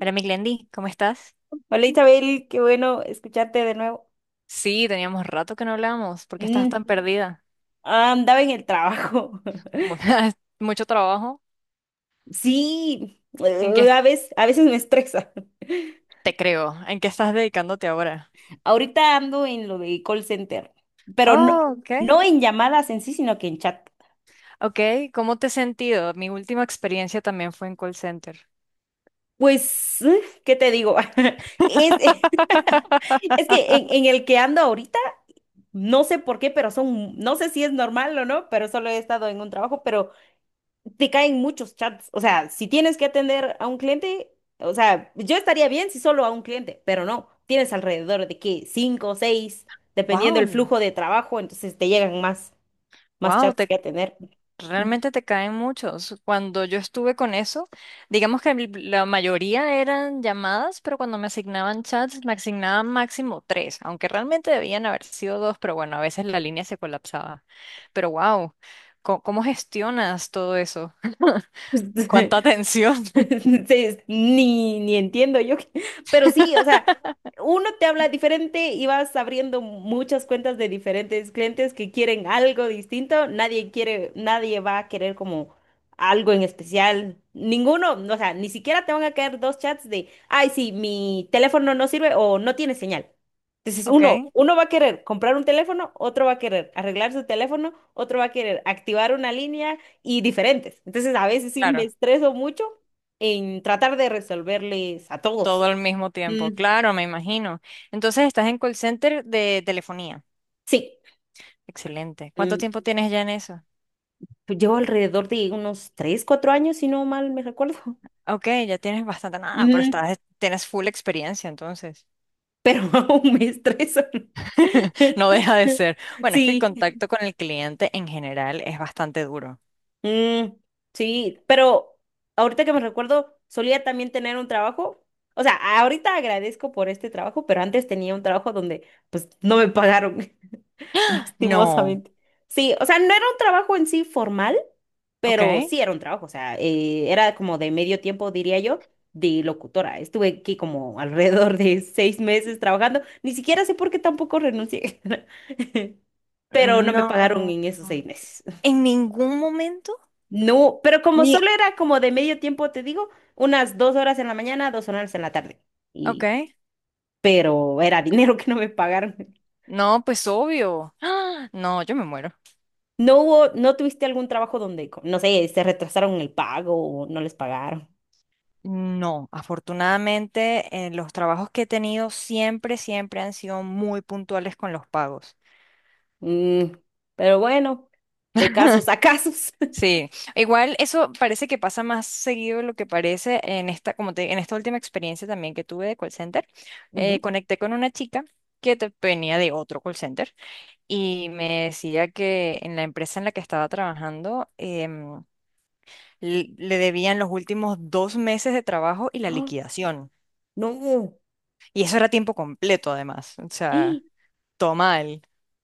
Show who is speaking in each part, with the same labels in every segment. Speaker 1: Hola, mi Glendy, ¿cómo estás?
Speaker 2: Hola, Isabel, qué bueno escucharte de nuevo.
Speaker 1: Sí, teníamos rato que no hablábamos. ¿Por qué estás
Speaker 2: Mm,
Speaker 1: tan perdida?
Speaker 2: Andaba en el trabajo.
Speaker 1: Mu- Mucho trabajo.
Speaker 2: Sí,
Speaker 1: ¿En qué
Speaker 2: a veces me estresa.
Speaker 1: te creo? ¿En qué estás dedicándote ahora?
Speaker 2: Ahorita ando en lo de call center, pero no,
Speaker 1: Oh, ok.
Speaker 2: no en llamadas en sí, sino que en chat.
Speaker 1: Ok, ¿cómo te has sentido? Mi última experiencia también fue en call center.
Speaker 2: Pues, ¿qué te digo? Es, es que en el que ando ahorita, no sé por qué, pero son, no sé si es normal o no, pero solo he estado en un trabajo, pero te caen muchos chats. O sea, si tienes que atender a un cliente, o sea, yo estaría bien si solo a un cliente, pero no. Tienes alrededor de que cinco o seis, dependiendo el
Speaker 1: Wow.
Speaker 2: flujo de trabajo, entonces te llegan más
Speaker 1: Wow,
Speaker 2: chats
Speaker 1: te,
Speaker 2: que atender. Mm.
Speaker 1: realmente te caen muchos. Cuando yo estuve con eso, digamos que el- la mayoría eran llamadas, pero cuando me asignaban chats, me asignaban máximo tres, aunque realmente debían haber sido dos, pero bueno, a veces la línea se colapsaba. Pero wow, ¿cómo, cómo gestionas todo eso? ¿Cuánta atención?
Speaker 2: Sí, ni entiendo yo, pero sí, o sea, uno te habla diferente y vas abriendo muchas cuentas de diferentes clientes que quieren algo distinto, nadie quiere, nadie va a querer como algo en especial, ninguno, no, o sea, ni siquiera te van a caer dos chats de, ay, sí, mi teléfono no sirve o no tiene señal. Entonces uno,
Speaker 1: Ok,
Speaker 2: uno va a querer comprar un teléfono, otro va a querer arreglar su teléfono, otro va a querer activar una línea y diferentes. Entonces a veces sí me
Speaker 1: claro,
Speaker 2: estreso mucho en tratar de resolverles a todos.
Speaker 1: todo al mismo tiempo,
Speaker 2: Mm.
Speaker 1: claro, me imagino. Entonces estás en call center de telefonía.
Speaker 2: Sí,
Speaker 1: Excelente. ¿Cuánto
Speaker 2: mm,
Speaker 1: tiempo tienes ya en eso?
Speaker 2: llevo alrededor de unos 3 4 años, si no mal me recuerdo.
Speaker 1: Ok, ya tienes bastante nada, pero
Speaker 2: Ujú.
Speaker 1: estás, tienes full experiencia entonces.
Speaker 2: Pero aún me estreso.
Speaker 1: No deja de ser. Bueno, es que el
Speaker 2: Sí,
Speaker 1: contacto con el cliente en general es bastante duro.
Speaker 2: mm, sí, pero ahorita que me recuerdo, solía también tener un trabajo. O sea, ahorita agradezco por este trabajo, pero antes tenía un trabajo donde pues no me pagaron,
Speaker 1: No,
Speaker 2: lastimosamente. Sí, o sea, no era un trabajo en sí formal.
Speaker 1: ok.
Speaker 2: Pero sí era un trabajo, o sea, era como de medio tiempo, diría yo, de locutora. Estuve aquí como alrededor de 6 meses trabajando. Ni siquiera sé por qué tampoco renuncié, pero no me pagaron
Speaker 1: No.
Speaker 2: en esos 6 meses.
Speaker 1: En ningún momento.
Speaker 2: No, pero como
Speaker 1: Ni.
Speaker 2: solo era como de medio tiempo, te digo, unas 2 horas en la mañana, 2 horas en la tarde. Y,
Speaker 1: Ok.
Speaker 2: pero era dinero que no me pagaron.
Speaker 1: No, pues obvio. ¡Ah! No, yo me muero.
Speaker 2: No tuviste algún trabajo donde, no sé, se retrasaron el pago o no les pagaron?
Speaker 1: No, afortunadamente, los trabajos que he tenido siempre, siempre han sido muy puntuales con los pagos.
Speaker 2: Mm, pero bueno, de casos a casos.
Speaker 1: Sí, igual eso parece que pasa más seguido de lo que parece en esta, como te, en esta última experiencia también que tuve de call center.
Speaker 2: Ujú.
Speaker 1: Conecté con una chica venía de otro call center y me decía que en la empresa en la que estaba trabajando le debían los últimos dos meses de trabajo y la
Speaker 2: ¡Ah!
Speaker 1: liquidación.
Speaker 2: No.
Speaker 1: Y eso era tiempo completo además. O
Speaker 2: ¡Ah!
Speaker 1: sea, todo mal.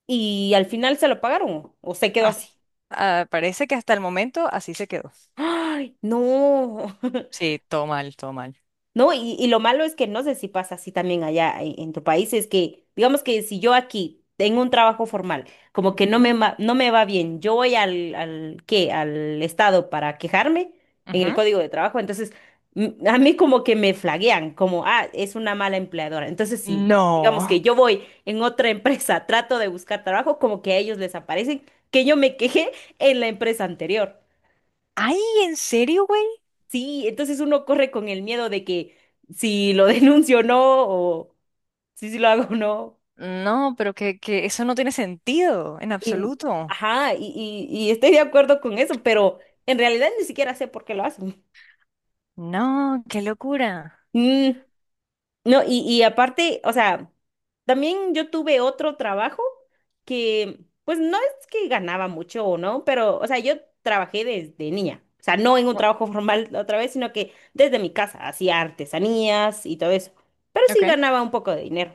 Speaker 2: Y al final se lo pagaron o se quedó
Speaker 1: Has-
Speaker 2: así.
Speaker 1: ah, parece que hasta el momento así se quedó.
Speaker 2: Ay, no.
Speaker 1: Sí, todo mal, todo mal.
Speaker 2: ¿No? Y lo malo es que no sé si pasa así también allá en tu país, es que, digamos que si yo aquí tengo un trabajo formal, como que
Speaker 1: Ujú,
Speaker 2: no me va bien, yo voy al, ¿qué? Al Estado para quejarme en el
Speaker 1: ujú.
Speaker 2: código de trabajo, entonces a mí como que me flaguean, como, ah, es una mala empleadora. Entonces, si digamos
Speaker 1: No.
Speaker 2: que yo voy en otra empresa, trato de buscar trabajo, como que a ellos les aparecen que yo me quejé en la empresa anterior.
Speaker 1: Ay, ¿en serio, güey?
Speaker 2: Sí, entonces uno corre con el miedo de que si lo denuncio o no, o si lo hago o no.
Speaker 1: No, pero que eso no tiene sentido en
Speaker 2: Y,
Speaker 1: absoluto.
Speaker 2: ajá, y estoy de acuerdo con eso, pero en realidad ni siquiera sé por qué lo hacen.
Speaker 1: No, qué locura.
Speaker 2: Mm, no, y aparte, o sea, también yo tuve otro trabajo que, pues no es que ganaba mucho o no, pero, o sea, yo trabajé desde niña. O sea, no en un
Speaker 1: No,
Speaker 2: trabajo formal otra vez, sino que desde mi casa hacía artesanías y todo eso. Pero sí
Speaker 1: ok.
Speaker 2: ganaba un poco de dinero.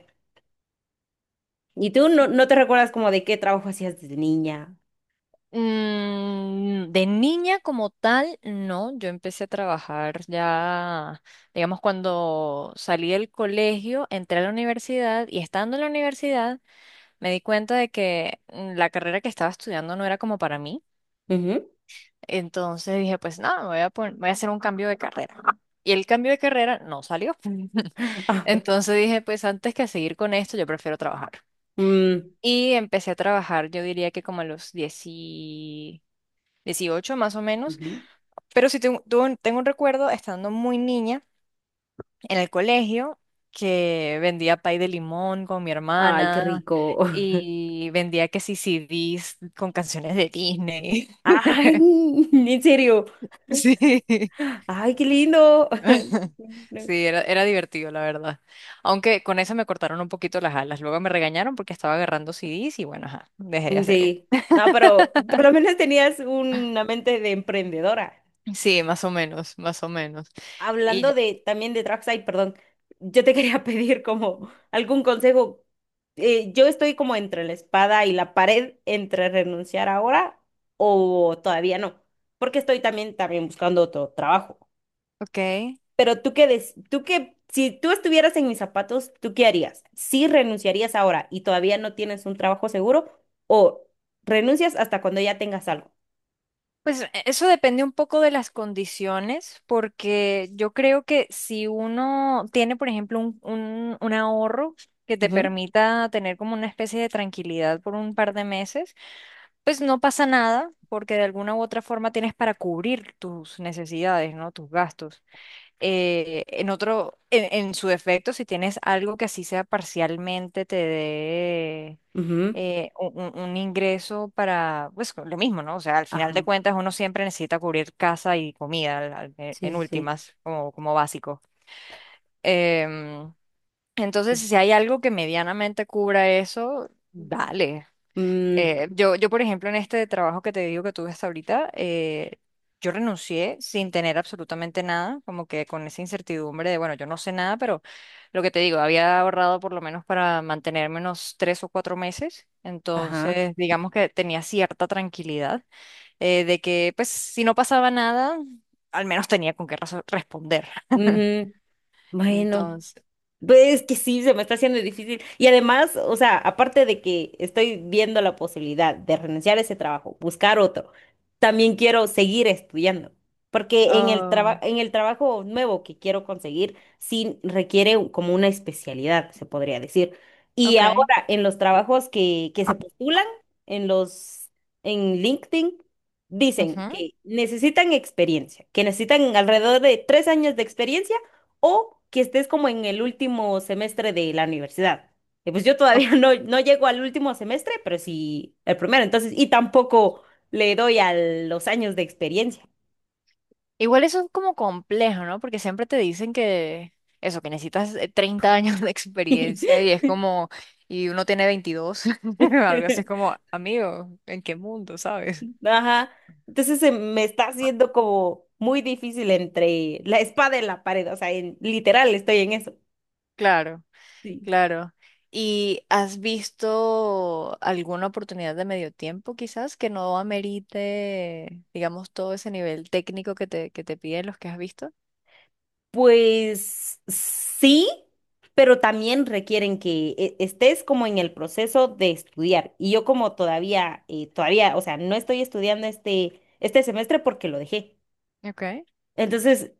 Speaker 2: ¿Y tú no, no te recuerdas como de qué trabajo hacías desde niña?
Speaker 1: De niña como tal, no. Yo empecé a trabajar ya, digamos, cuando salí del colegio, entré a la universidad y estando en la universidad me di cuenta de que la carrera que estaba estudiando no era como para mí.
Speaker 2: Ujú.
Speaker 1: Entonces dije, pues nada, me voy a pon- voy a hacer un cambio de carrera. Y el cambio de carrera no salió.
Speaker 2: Ah.
Speaker 1: Entonces dije, pues antes que seguir con esto, yo prefiero trabajar.
Speaker 2: Mm.
Speaker 1: Y empecé a trabajar, yo diría que como a los 10 18 más o menos.
Speaker 2: Ujú.
Speaker 1: Pero sí tengo, tengo un recuerdo estando muy niña en el colegio que vendía pay de limón con mi
Speaker 2: Ay, qué
Speaker 1: hermana
Speaker 2: rico.
Speaker 1: y vendía que sí CDs con canciones de Disney.
Speaker 2: Ay, en serio.
Speaker 1: Sí.
Speaker 2: Ay, qué lindo.
Speaker 1: Sí, era, era divertido, la verdad. Aunque con esa me cortaron un poquito las alas. Luego me regañaron porque estaba agarrando CDs y bueno, ajá, dejé de hacerlo.
Speaker 2: Sí. No, pero por lo menos tenías una mente de emprendedora.
Speaker 1: Sí, más o menos, más o menos.
Speaker 2: Hablando
Speaker 1: Y,
Speaker 2: de también de Dragside, perdón, yo te quería pedir como algún consejo. Yo estoy como entre la espada y la pared, entre renunciar ahora o todavía no, porque estoy también buscando otro trabajo.
Speaker 1: ok.
Speaker 2: Pero tú qué, si tú estuvieras en mis zapatos, ¿tú qué harías? ¿Sí renunciarías ahora y todavía no tienes un trabajo seguro o renuncias hasta cuando ya tengas algo?
Speaker 1: Pues eso depende un poco de las condiciones, porque yo creo que si uno tiene, por ejemplo, un ahorro que te
Speaker 2: Ujú,
Speaker 1: permita tener como una especie de tranquilidad por un par de meses. Pues no pasa nada, porque de alguna u otra forma tienes para cubrir tus necesidades, ¿no? Tus gastos. En su defecto, si tienes algo que así sea parcialmente te dé
Speaker 2: ujú,
Speaker 1: un ingreso para, pues lo mismo, ¿no? O sea, al final de
Speaker 2: ajá.
Speaker 1: cuentas uno siempre necesita cubrir casa y comida,
Speaker 2: Sí,
Speaker 1: en
Speaker 2: sí.
Speaker 1: últimas, como, como básico. Em, entonces,
Speaker 2: Sí.
Speaker 1: si hay algo que medianamente cubra eso,
Speaker 2: Ujú.
Speaker 1: dale.
Speaker 2: Mm,
Speaker 1: Por ejemplo, en este trabajo que te digo que tuve hasta ahorita, yo renuncié sin tener absolutamente nada, como que con esa incertidumbre de, bueno, yo no sé nada, pero lo que te digo, había ahorrado por lo menos para mantenerme unos tres o cuatro meses,
Speaker 2: ajá.
Speaker 1: entonces digamos que tenía cierta tranquilidad de que, pues, si no pasaba nada, al menos tenía con qué responder.
Speaker 2: Ujú. Bueno,
Speaker 1: Entonces,
Speaker 2: pues es que sí, se me está haciendo difícil. Y además, o sea, aparte de que estoy viendo la posibilidad de renunciar a ese trabajo, buscar otro, también quiero seguir estudiando, porque en el
Speaker 1: oh,
Speaker 2: en el trabajo nuevo que quiero conseguir, sí requiere como una especialidad, se podría decir. Y
Speaker 1: ok.
Speaker 2: ahora, en los trabajos que se postulan, en los, en LinkedIn, dicen
Speaker 1: Ujú.
Speaker 2: que necesitan experiencia, que necesitan alrededor de 3 años de experiencia o que estés como en el último semestre de la universidad. Y pues yo todavía no, no llego al último semestre, pero sí el primero, entonces, y tampoco le doy a los años de experiencia.
Speaker 1: Igual eso es como complejo, ¿no? Porque siempre te dicen que eso, que necesitas 30 años de experiencia y es como, y uno tiene 22 algo así es como, amigo, ¿en qué mundo, sabes?
Speaker 2: Ajá. Entonces se me está haciendo como muy difícil entre la espada y la pared, o sea, literal estoy en eso.
Speaker 1: Claro,
Speaker 2: Sí.
Speaker 1: claro. ¿Y has visto alguna oportunidad de medio tiempo quizás que no amerite, digamos, todo ese nivel técnico que te piden los que has visto?
Speaker 2: Pues sí, pero también requieren que estés como en el proceso de estudiar. Y yo como todavía, o sea, no estoy estudiando este semestre porque lo dejé.
Speaker 1: Okay.
Speaker 2: Entonces,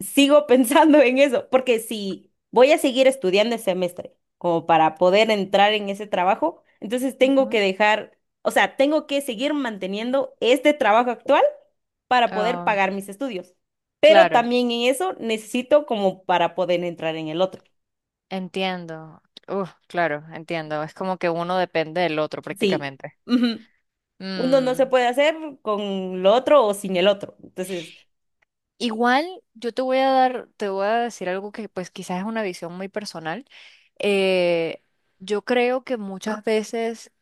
Speaker 2: sigo pensando en eso, porque si voy a seguir estudiando el semestre como para poder entrar en ese trabajo, entonces tengo que
Speaker 1: Ujú.
Speaker 2: dejar, o sea, tengo que seguir manteniendo este trabajo actual para poder
Speaker 1: Ah,
Speaker 2: pagar mis estudios. Pero
Speaker 1: claro.
Speaker 2: también en eso necesito como para poder entrar en el otro.
Speaker 1: Entiendo. Uf, claro, entiendo. Es como que uno depende del otro
Speaker 2: Sí,
Speaker 1: prácticamente.
Speaker 2: ujú. Uno no se
Speaker 1: Mm,
Speaker 2: puede hacer con lo otro o sin el otro. Entonces,
Speaker 1: igual yo te voy a dar, te voy a decir algo que pues quizás es una visión muy personal. Eh, yo creo que muchas veces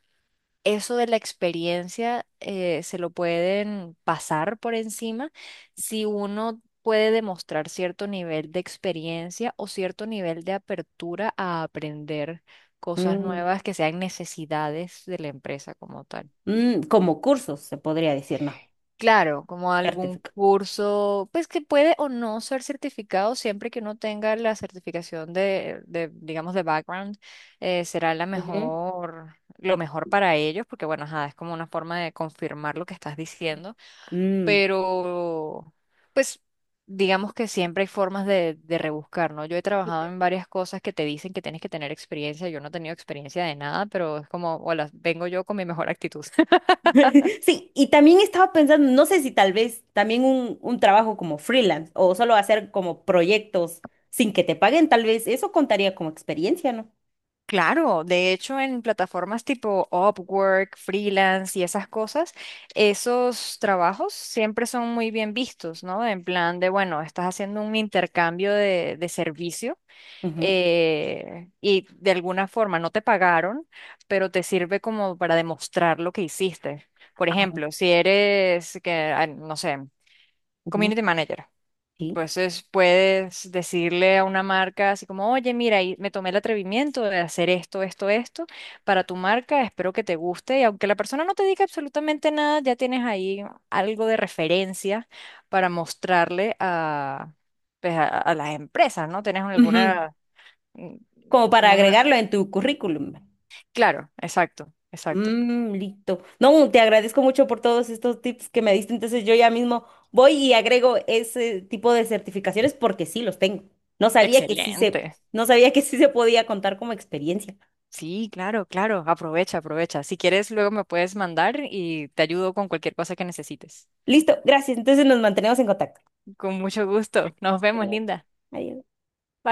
Speaker 1: eso de la experiencia se lo pueden pasar por encima si uno puede demostrar cierto nivel de experiencia o cierto nivel de apertura a aprender cosas
Speaker 2: mm,
Speaker 1: nuevas que sean necesidades de la empresa como tal.
Speaker 2: como cursos se podría decir, no,
Speaker 1: Claro, como algún
Speaker 2: certificado.
Speaker 1: curso, pues que puede o no ser certificado, siempre que uno tenga la certificación digamos, de background, será la
Speaker 2: Ujú.
Speaker 1: mejor, lo mejor para ellos, porque bueno, ajá, es como una forma de confirmar lo que estás diciendo,
Speaker 2: Mm.
Speaker 1: pero pues digamos que siempre hay formas de rebuscar, ¿no? Yo he trabajado en varias cosas que te dicen que tienes que tener experiencia, yo no he tenido experiencia de nada, pero es como, hola, vengo yo con mi mejor actitud.
Speaker 2: Sí, y también estaba pensando, no sé si tal vez también un trabajo como freelance o solo hacer como proyectos sin que te paguen, tal vez eso contaría como experiencia, ¿no?
Speaker 1: Claro, de hecho en plataformas tipo Upwork, freelance y esas cosas, esos trabajos siempre son muy bien vistos, ¿no? En plan de, bueno, estás haciendo un intercambio de servicio
Speaker 2: Ujú.
Speaker 1: y de alguna forma no te pagaron, pero te sirve como para demostrar lo que hiciste. Por
Speaker 2: Ah,
Speaker 1: ejemplo, si eres, que, ah, no sé,
Speaker 2: ujú.
Speaker 1: Community manager.
Speaker 2: Sí.
Speaker 1: Entonces puedes decirle a una marca así como, oye, mira, y me tomé el atrevimiento de hacer esto, esto, esto para tu marca, espero que te guste. Y aunque la persona no te diga absolutamente nada, ya tienes ahí algo de referencia para mostrarle a, pues, a las empresas, ¿no? Tienes
Speaker 2: Ujú.
Speaker 1: alguna, mm,
Speaker 2: Como para
Speaker 1: como una...
Speaker 2: agregarlo en tu currículum.
Speaker 1: Claro, exacto, exacto.
Speaker 2: Mm, listo. No, te agradezco mucho por todos estos tips que me diste. Entonces yo ya mismo voy y agrego ese tipo de certificaciones porque sí los tengo. No sabía que sí se,
Speaker 1: Excelente.
Speaker 2: No sabía que sí se podía contar como experiencia.
Speaker 1: Sí, claro, claro. Aprovecha, aprovecha. Si quieres, luego me puedes mandar y te ayudo con cualquier cosa que necesites.
Speaker 2: Listo, gracias. Entonces nos mantenemos en contacto.
Speaker 1: Con mucho gusto. Nos vemos,
Speaker 2: Adiós.
Speaker 1: linda.
Speaker 2: Adiós.
Speaker 1: Bye.